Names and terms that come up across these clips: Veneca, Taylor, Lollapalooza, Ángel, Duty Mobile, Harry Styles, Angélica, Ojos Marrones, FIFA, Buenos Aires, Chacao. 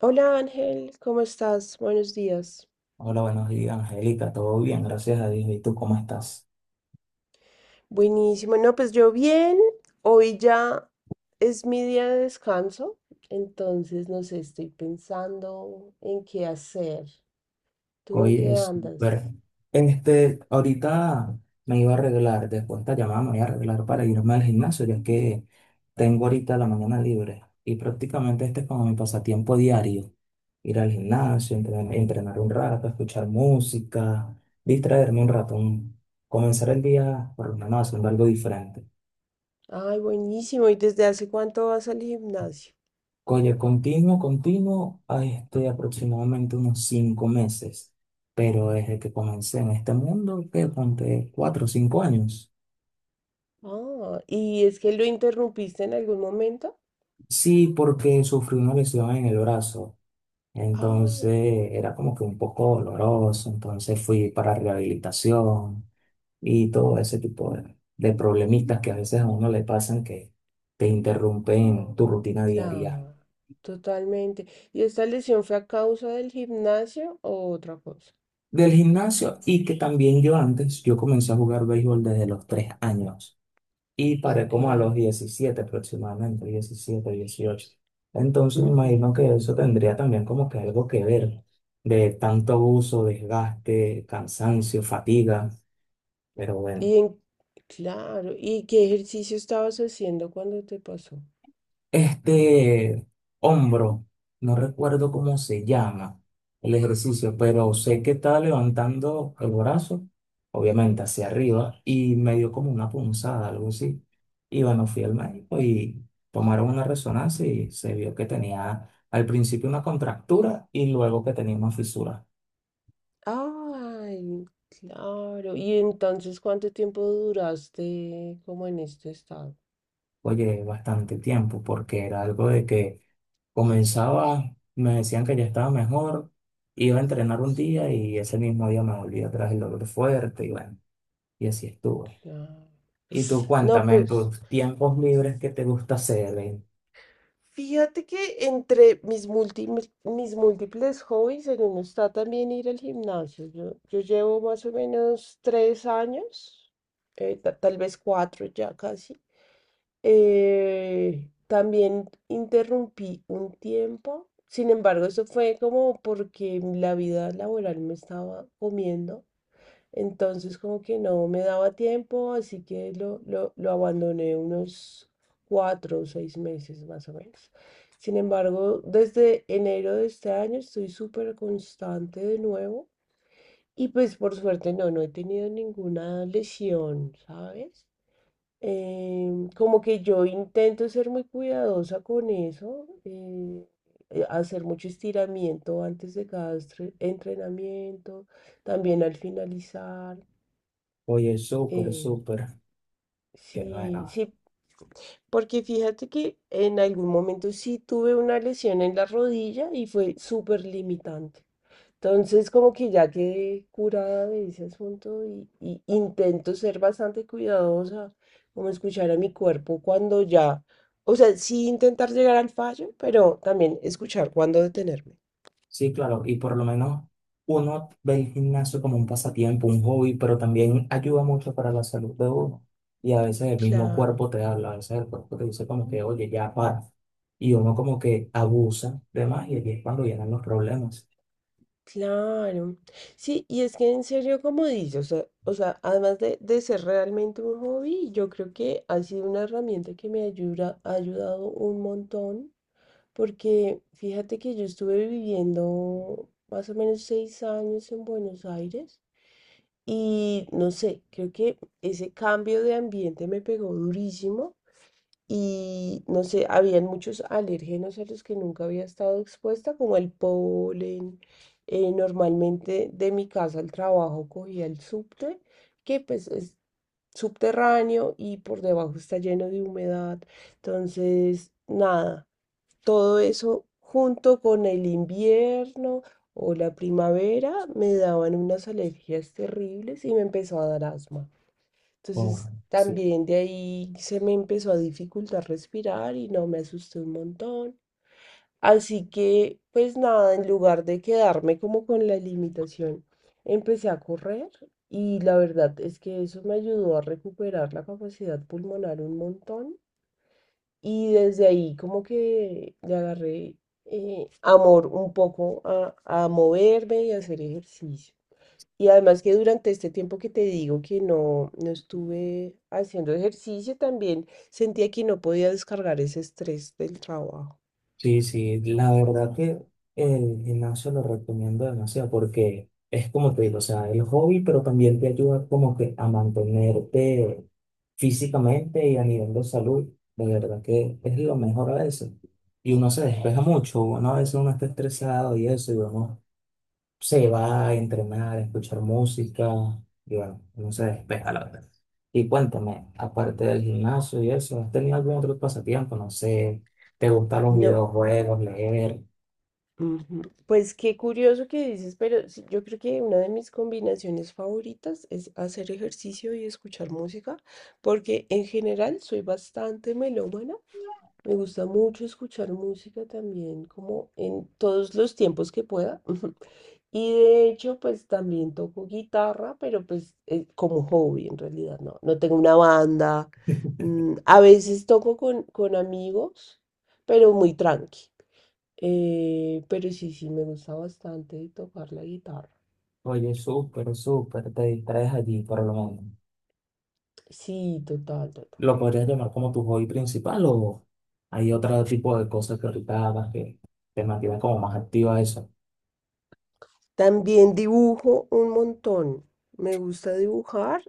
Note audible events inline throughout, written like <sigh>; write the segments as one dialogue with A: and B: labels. A: Hola Ángel, ¿cómo estás? Buenos días.
B: Hola, buenos días, Angélica. Todo bien, gracias a Dios. ¿Y tú cómo estás?
A: Buenísimo. No, pues yo bien. Hoy ya es mi día de descanso, entonces no sé, estoy pensando en qué hacer. ¿Tú en
B: Oye,
A: qué
B: súper.
A: andas?
B: Ahorita me iba a arreglar, después de esta llamada me voy a arreglar para irme al gimnasio, ya que tengo ahorita la mañana libre. Y prácticamente este es como mi pasatiempo diario. Ir al gimnasio, entrenar, un rato, escuchar música, distraerme un rato, comenzar el día por lo menos haciendo algo diferente.
A: Ay, buenísimo. ¿Y desde hace cuánto vas al gimnasio?
B: Oye, continuo, continuo, a este aproximadamente unos 5 meses, pero desde que comencé en este mundo, que ponte 4 o 5 años.
A: Ah, ¿y es que lo interrumpiste en algún momento?
B: Sí, porque sufrí una lesión en el brazo, entonces
A: Ay,
B: era como que un poco doloroso, entonces fui para rehabilitación y todo ese tipo de problemitas que a veces a uno le pasan que te interrumpen tu rutina diaria.
A: claro, totalmente. ¿Y esta lesión fue a causa del gimnasio o otra cosa?
B: Del gimnasio, y que también yo antes, yo comencé a jugar béisbol desde los 3 años. Y paré
A: Ok.
B: como a los 17 aproximadamente, 17, 18. Entonces me
A: Ujú.
B: imagino que eso tendría también como que algo que ver de tanto abuso, desgaste, cansancio, fatiga, pero
A: Y
B: bueno.
A: en, claro, ¿y qué ejercicio estabas haciendo cuando te pasó?
B: Este hombro, no recuerdo cómo se llama el ejercicio, pero sé que estaba levantando el brazo, obviamente hacia arriba, y me dio como una punzada, algo así. Y bueno, fui al médico y tomaron una resonancia y se vio que tenía al principio una contractura y luego que tenía una fisura.
A: Ay, claro. ¿Y entonces cuánto tiempo duraste como en este estado?
B: Oye, bastante tiempo, porque era algo de que comenzaba, me decían que ya estaba mejor, iba a entrenar un día y ese mismo día me volvía atrás el dolor fuerte y bueno, y así estuve.
A: Claro.
B: Y tú
A: No,
B: cuéntame en
A: pues
B: tus tiempos libres qué te gusta hacer, ¿eh?
A: fíjate que entre mis múltiples hobbies en uno está también ir al gimnasio. Yo llevo más o menos 3 años, tal vez cuatro ya casi. También interrumpí un tiempo, sin embargo, eso fue como porque la vida laboral me estaba comiendo, entonces como que no me daba tiempo, así que lo abandoné unos 4 o 6 meses más o menos. Sin embargo, desde enero de este año estoy súper constante de nuevo y pues por suerte no, no he tenido ninguna lesión, ¿sabes? Como que yo intento ser muy cuidadosa con eso, hacer mucho estiramiento antes de cada entrenamiento, también al finalizar.
B: Oye, súper,
A: eh,
B: súper, que
A: sí,
B: bueno.
A: sí, porque fíjate que en algún momento sí tuve una lesión en la rodilla y fue súper limitante. Entonces, como que ya quedé curada de ese asunto y intento ser bastante cuidadosa, como escuchar a mi cuerpo cuando ya, o sea, sí intentar llegar al fallo, pero también escuchar cuando detenerme.
B: Sí, claro, y por lo menos uno ve el gimnasio como un pasatiempo, un hobby, pero también ayuda mucho para la salud de uno. Y a veces el mismo
A: Claro,
B: cuerpo te habla, a veces el cuerpo te dice como que, oye, ya para. Y uno como que abusa de más y aquí es cuando vienen los problemas.
A: claro. Sí, y es que en serio, como dices, o sea, además de ser realmente un hobby, yo creo que ha sido una herramienta que me ayuda, ha ayudado un montón. Porque fíjate que yo estuve viviendo más o menos 6 años en Buenos Aires y no sé, creo que ese cambio de ambiente me pegó durísimo y no sé, habían muchos alérgenos a los que nunca había estado expuesta, como el polen. Normalmente de mi casa al trabajo cogía el subte, que pues es subterráneo y por debajo está lleno de humedad. Entonces, nada. Todo eso junto con el invierno o la primavera me daban unas alergias terribles y me empezó a dar asma.
B: Oh,
A: Entonces
B: sí.
A: también de ahí se me empezó a dificultar respirar y no me asusté un montón. Así que pues nada, en lugar de quedarme como con la limitación, empecé a correr y la verdad es que eso me ayudó a recuperar la capacidad pulmonar un montón. Y desde ahí como que le agarré amor un poco a, moverme y a hacer ejercicio. Y además que durante este tiempo que te digo que no, no estuve haciendo ejercicio, también sentía que no podía descargar ese estrés del trabajo.
B: Sí, sí, la verdad que el gimnasio lo recomiendo demasiado porque es como te digo, o sea, el hobby, pero también te ayuda como que a mantenerte físicamente y a nivel de salud. De verdad que es lo mejor a veces. Y uno se despeja mucho, uno a veces uno está estresado y eso, y uno se va a entrenar, a escuchar música y bueno, no se despeja la verdad. Y cuéntame, aparte del gimnasio y eso, ¿has tenido algún otro pasatiempo? No sé, ¿te gustan los
A: No.
B: videojuegos, leer?
A: Ujú. Pues qué curioso que dices, pero sí, yo creo que una de mis combinaciones favoritas es hacer ejercicio y escuchar música, porque en general soy bastante melómana. Me gusta mucho escuchar música también, como en todos los tiempos que pueda. <laughs> Y de hecho, pues también toco guitarra, pero pues como hobby en realidad, no, no tengo una banda. Mm, a veces toco con amigos, pero muy tranqui. Pero sí, sí, me gusta bastante tocar la guitarra.
B: Oye, súper, súper, te distraes allí por lo menos.
A: Sí, total, total.
B: ¿Lo podrías llamar como tu hobby principal o hay otro tipo de cosas que ahorita hagas que te mantienen como más activa a eso?
A: También dibujo un montón. Me gusta dibujar.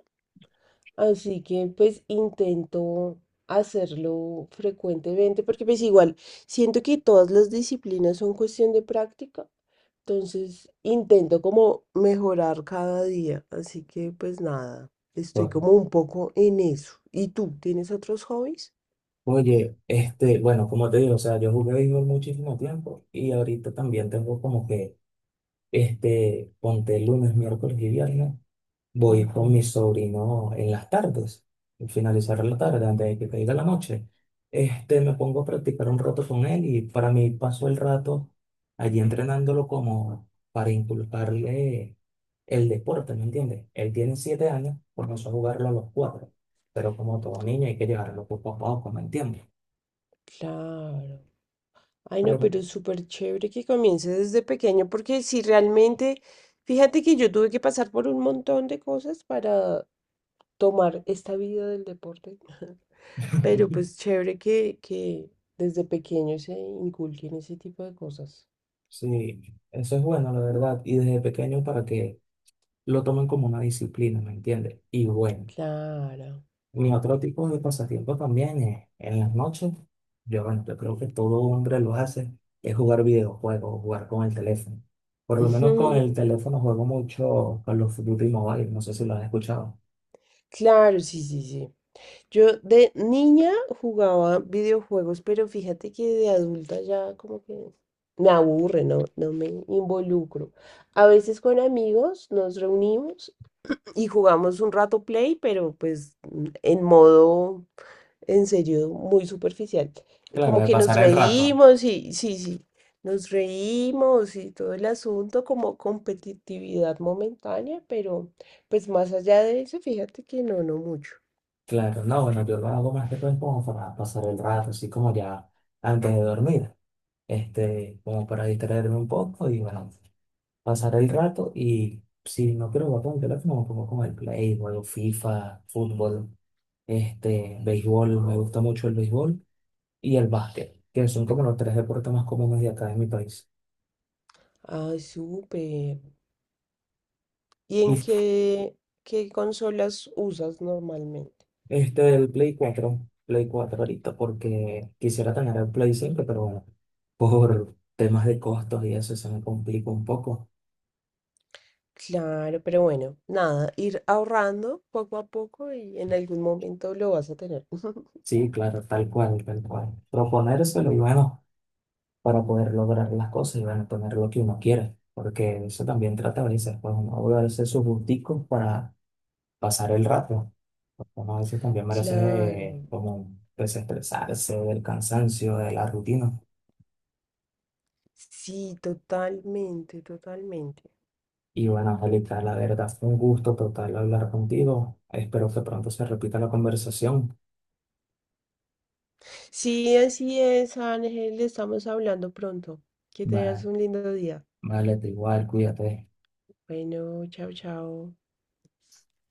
A: Así que pues intento hacerlo frecuentemente porque pues igual siento que todas las disciplinas son cuestión de práctica, entonces intento como mejorar cada día, así que pues nada, estoy
B: Bueno,
A: como un poco en eso. ¿Y tú tienes otros hobbies?
B: oye, este, bueno, como te digo, o sea, yo jugué béisbol muchísimo tiempo y ahorita también tengo como que ponte lunes, miércoles y viernes. Voy
A: Ujú,
B: con mi sobrino en las tardes, al finalizar la tarde, antes de que caiga la noche. Me pongo a practicar un rato con él y para mí paso el rato allí entrenándolo como para inculcarle el deporte, ¿me entiendes? Él tiene 7 años, comenzó a jugarlo a los cuatro, pero como todo niño hay que llevarlo poco a poco, ¿me entiendes?
A: claro. Ay, no,
B: Pero-
A: pero es súper chévere que comience desde pequeño porque si realmente, fíjate que yo tuve que pasar por un montón de cosas para tomar esta vida del deporte. <laughs> Pero pues
B: <laughs>
A: chévere que desde pequeño se inculquen ese tipo de cosas.
B: Sí, eso es bueno, la verdad. Y desde pequeño para que lo toman como una disciplina, ¿me entiendes? Y bueno,
A: Claro.
B: mi otro tipo de pasatiempo también es en las noches. Yo, bueno, yo creo que todo hombre lo hace, es jugar videojuegos, jugar con el teléfono. Por
A: <laughs>
B: lo menos con
A: Ujú.
B: el teléfono juego mucho con los Duty Mobile, no sé si lo has escuchado.
A: Claro, sí, sí, sí. Yo de niña jugaba videojuegos, pero fíjate que de adulta ya como que me aburre, no, no me involucro. A veces con amigos nos reunimos y jugamos un rato play, pero pues en modo en serio muy superficial.
B: Claro,
A: Como
B: de
A: que nos
B: pasar el rato.
A: reímos y sí, sí, nos reímos y todo el asunto como competitividad momentánea, pero pues más allá de eso, fíjate que no, no mucho.
B: Claro, no, bueno, yo lo hago más que todo es como para pasar el rato, así como ya antes de dormir, como para distraerme un poco y bueno, pasar el rato y si no quiero jugar con el teléfono, me pongo con el Play, juego FIFA, fútbol, béisbol, me gusta mucho el béisbol y el básquet, que son como los tres deportes más comunes de acá en mi país.
A: Ah, súper. ¿Y
B: Y
A: en qué, qué consolas usas normalmente?
B: el Play 4 Play 4 ahorita, porque quisiera tener el Play 5 pero bueno, por temas de costos y eso se me complica un poco.
A: Claro, pero bueno, nada, ir ahorrando poco a poco y en algún momento lo vas a tener. <laughs>
B: Sí, claro, tal cual, tal cual. Proponérselo y bueno, para poder lograr las cosas y bueno, tener lo que uno quiere, porque eso también trata a veces, pues uno debe darse sus gusticos para pasar el rato, porque uno a veces también merece
A: Claro,
B: como desestresarse del cansancio, de la rutina.
A: sí, totalmente, totalmente.
B: Y bueno, Angélica, la verdad fue un gusto total hablar contigo. Espero que pronto se repita la conversación.
A: Sí, así es, Ángel, estamos hablando pronto. Que tengas
B: Va-
A: un lindo día.
B: Vale, te igual, cuídate.
A: Bueno, chao, chao.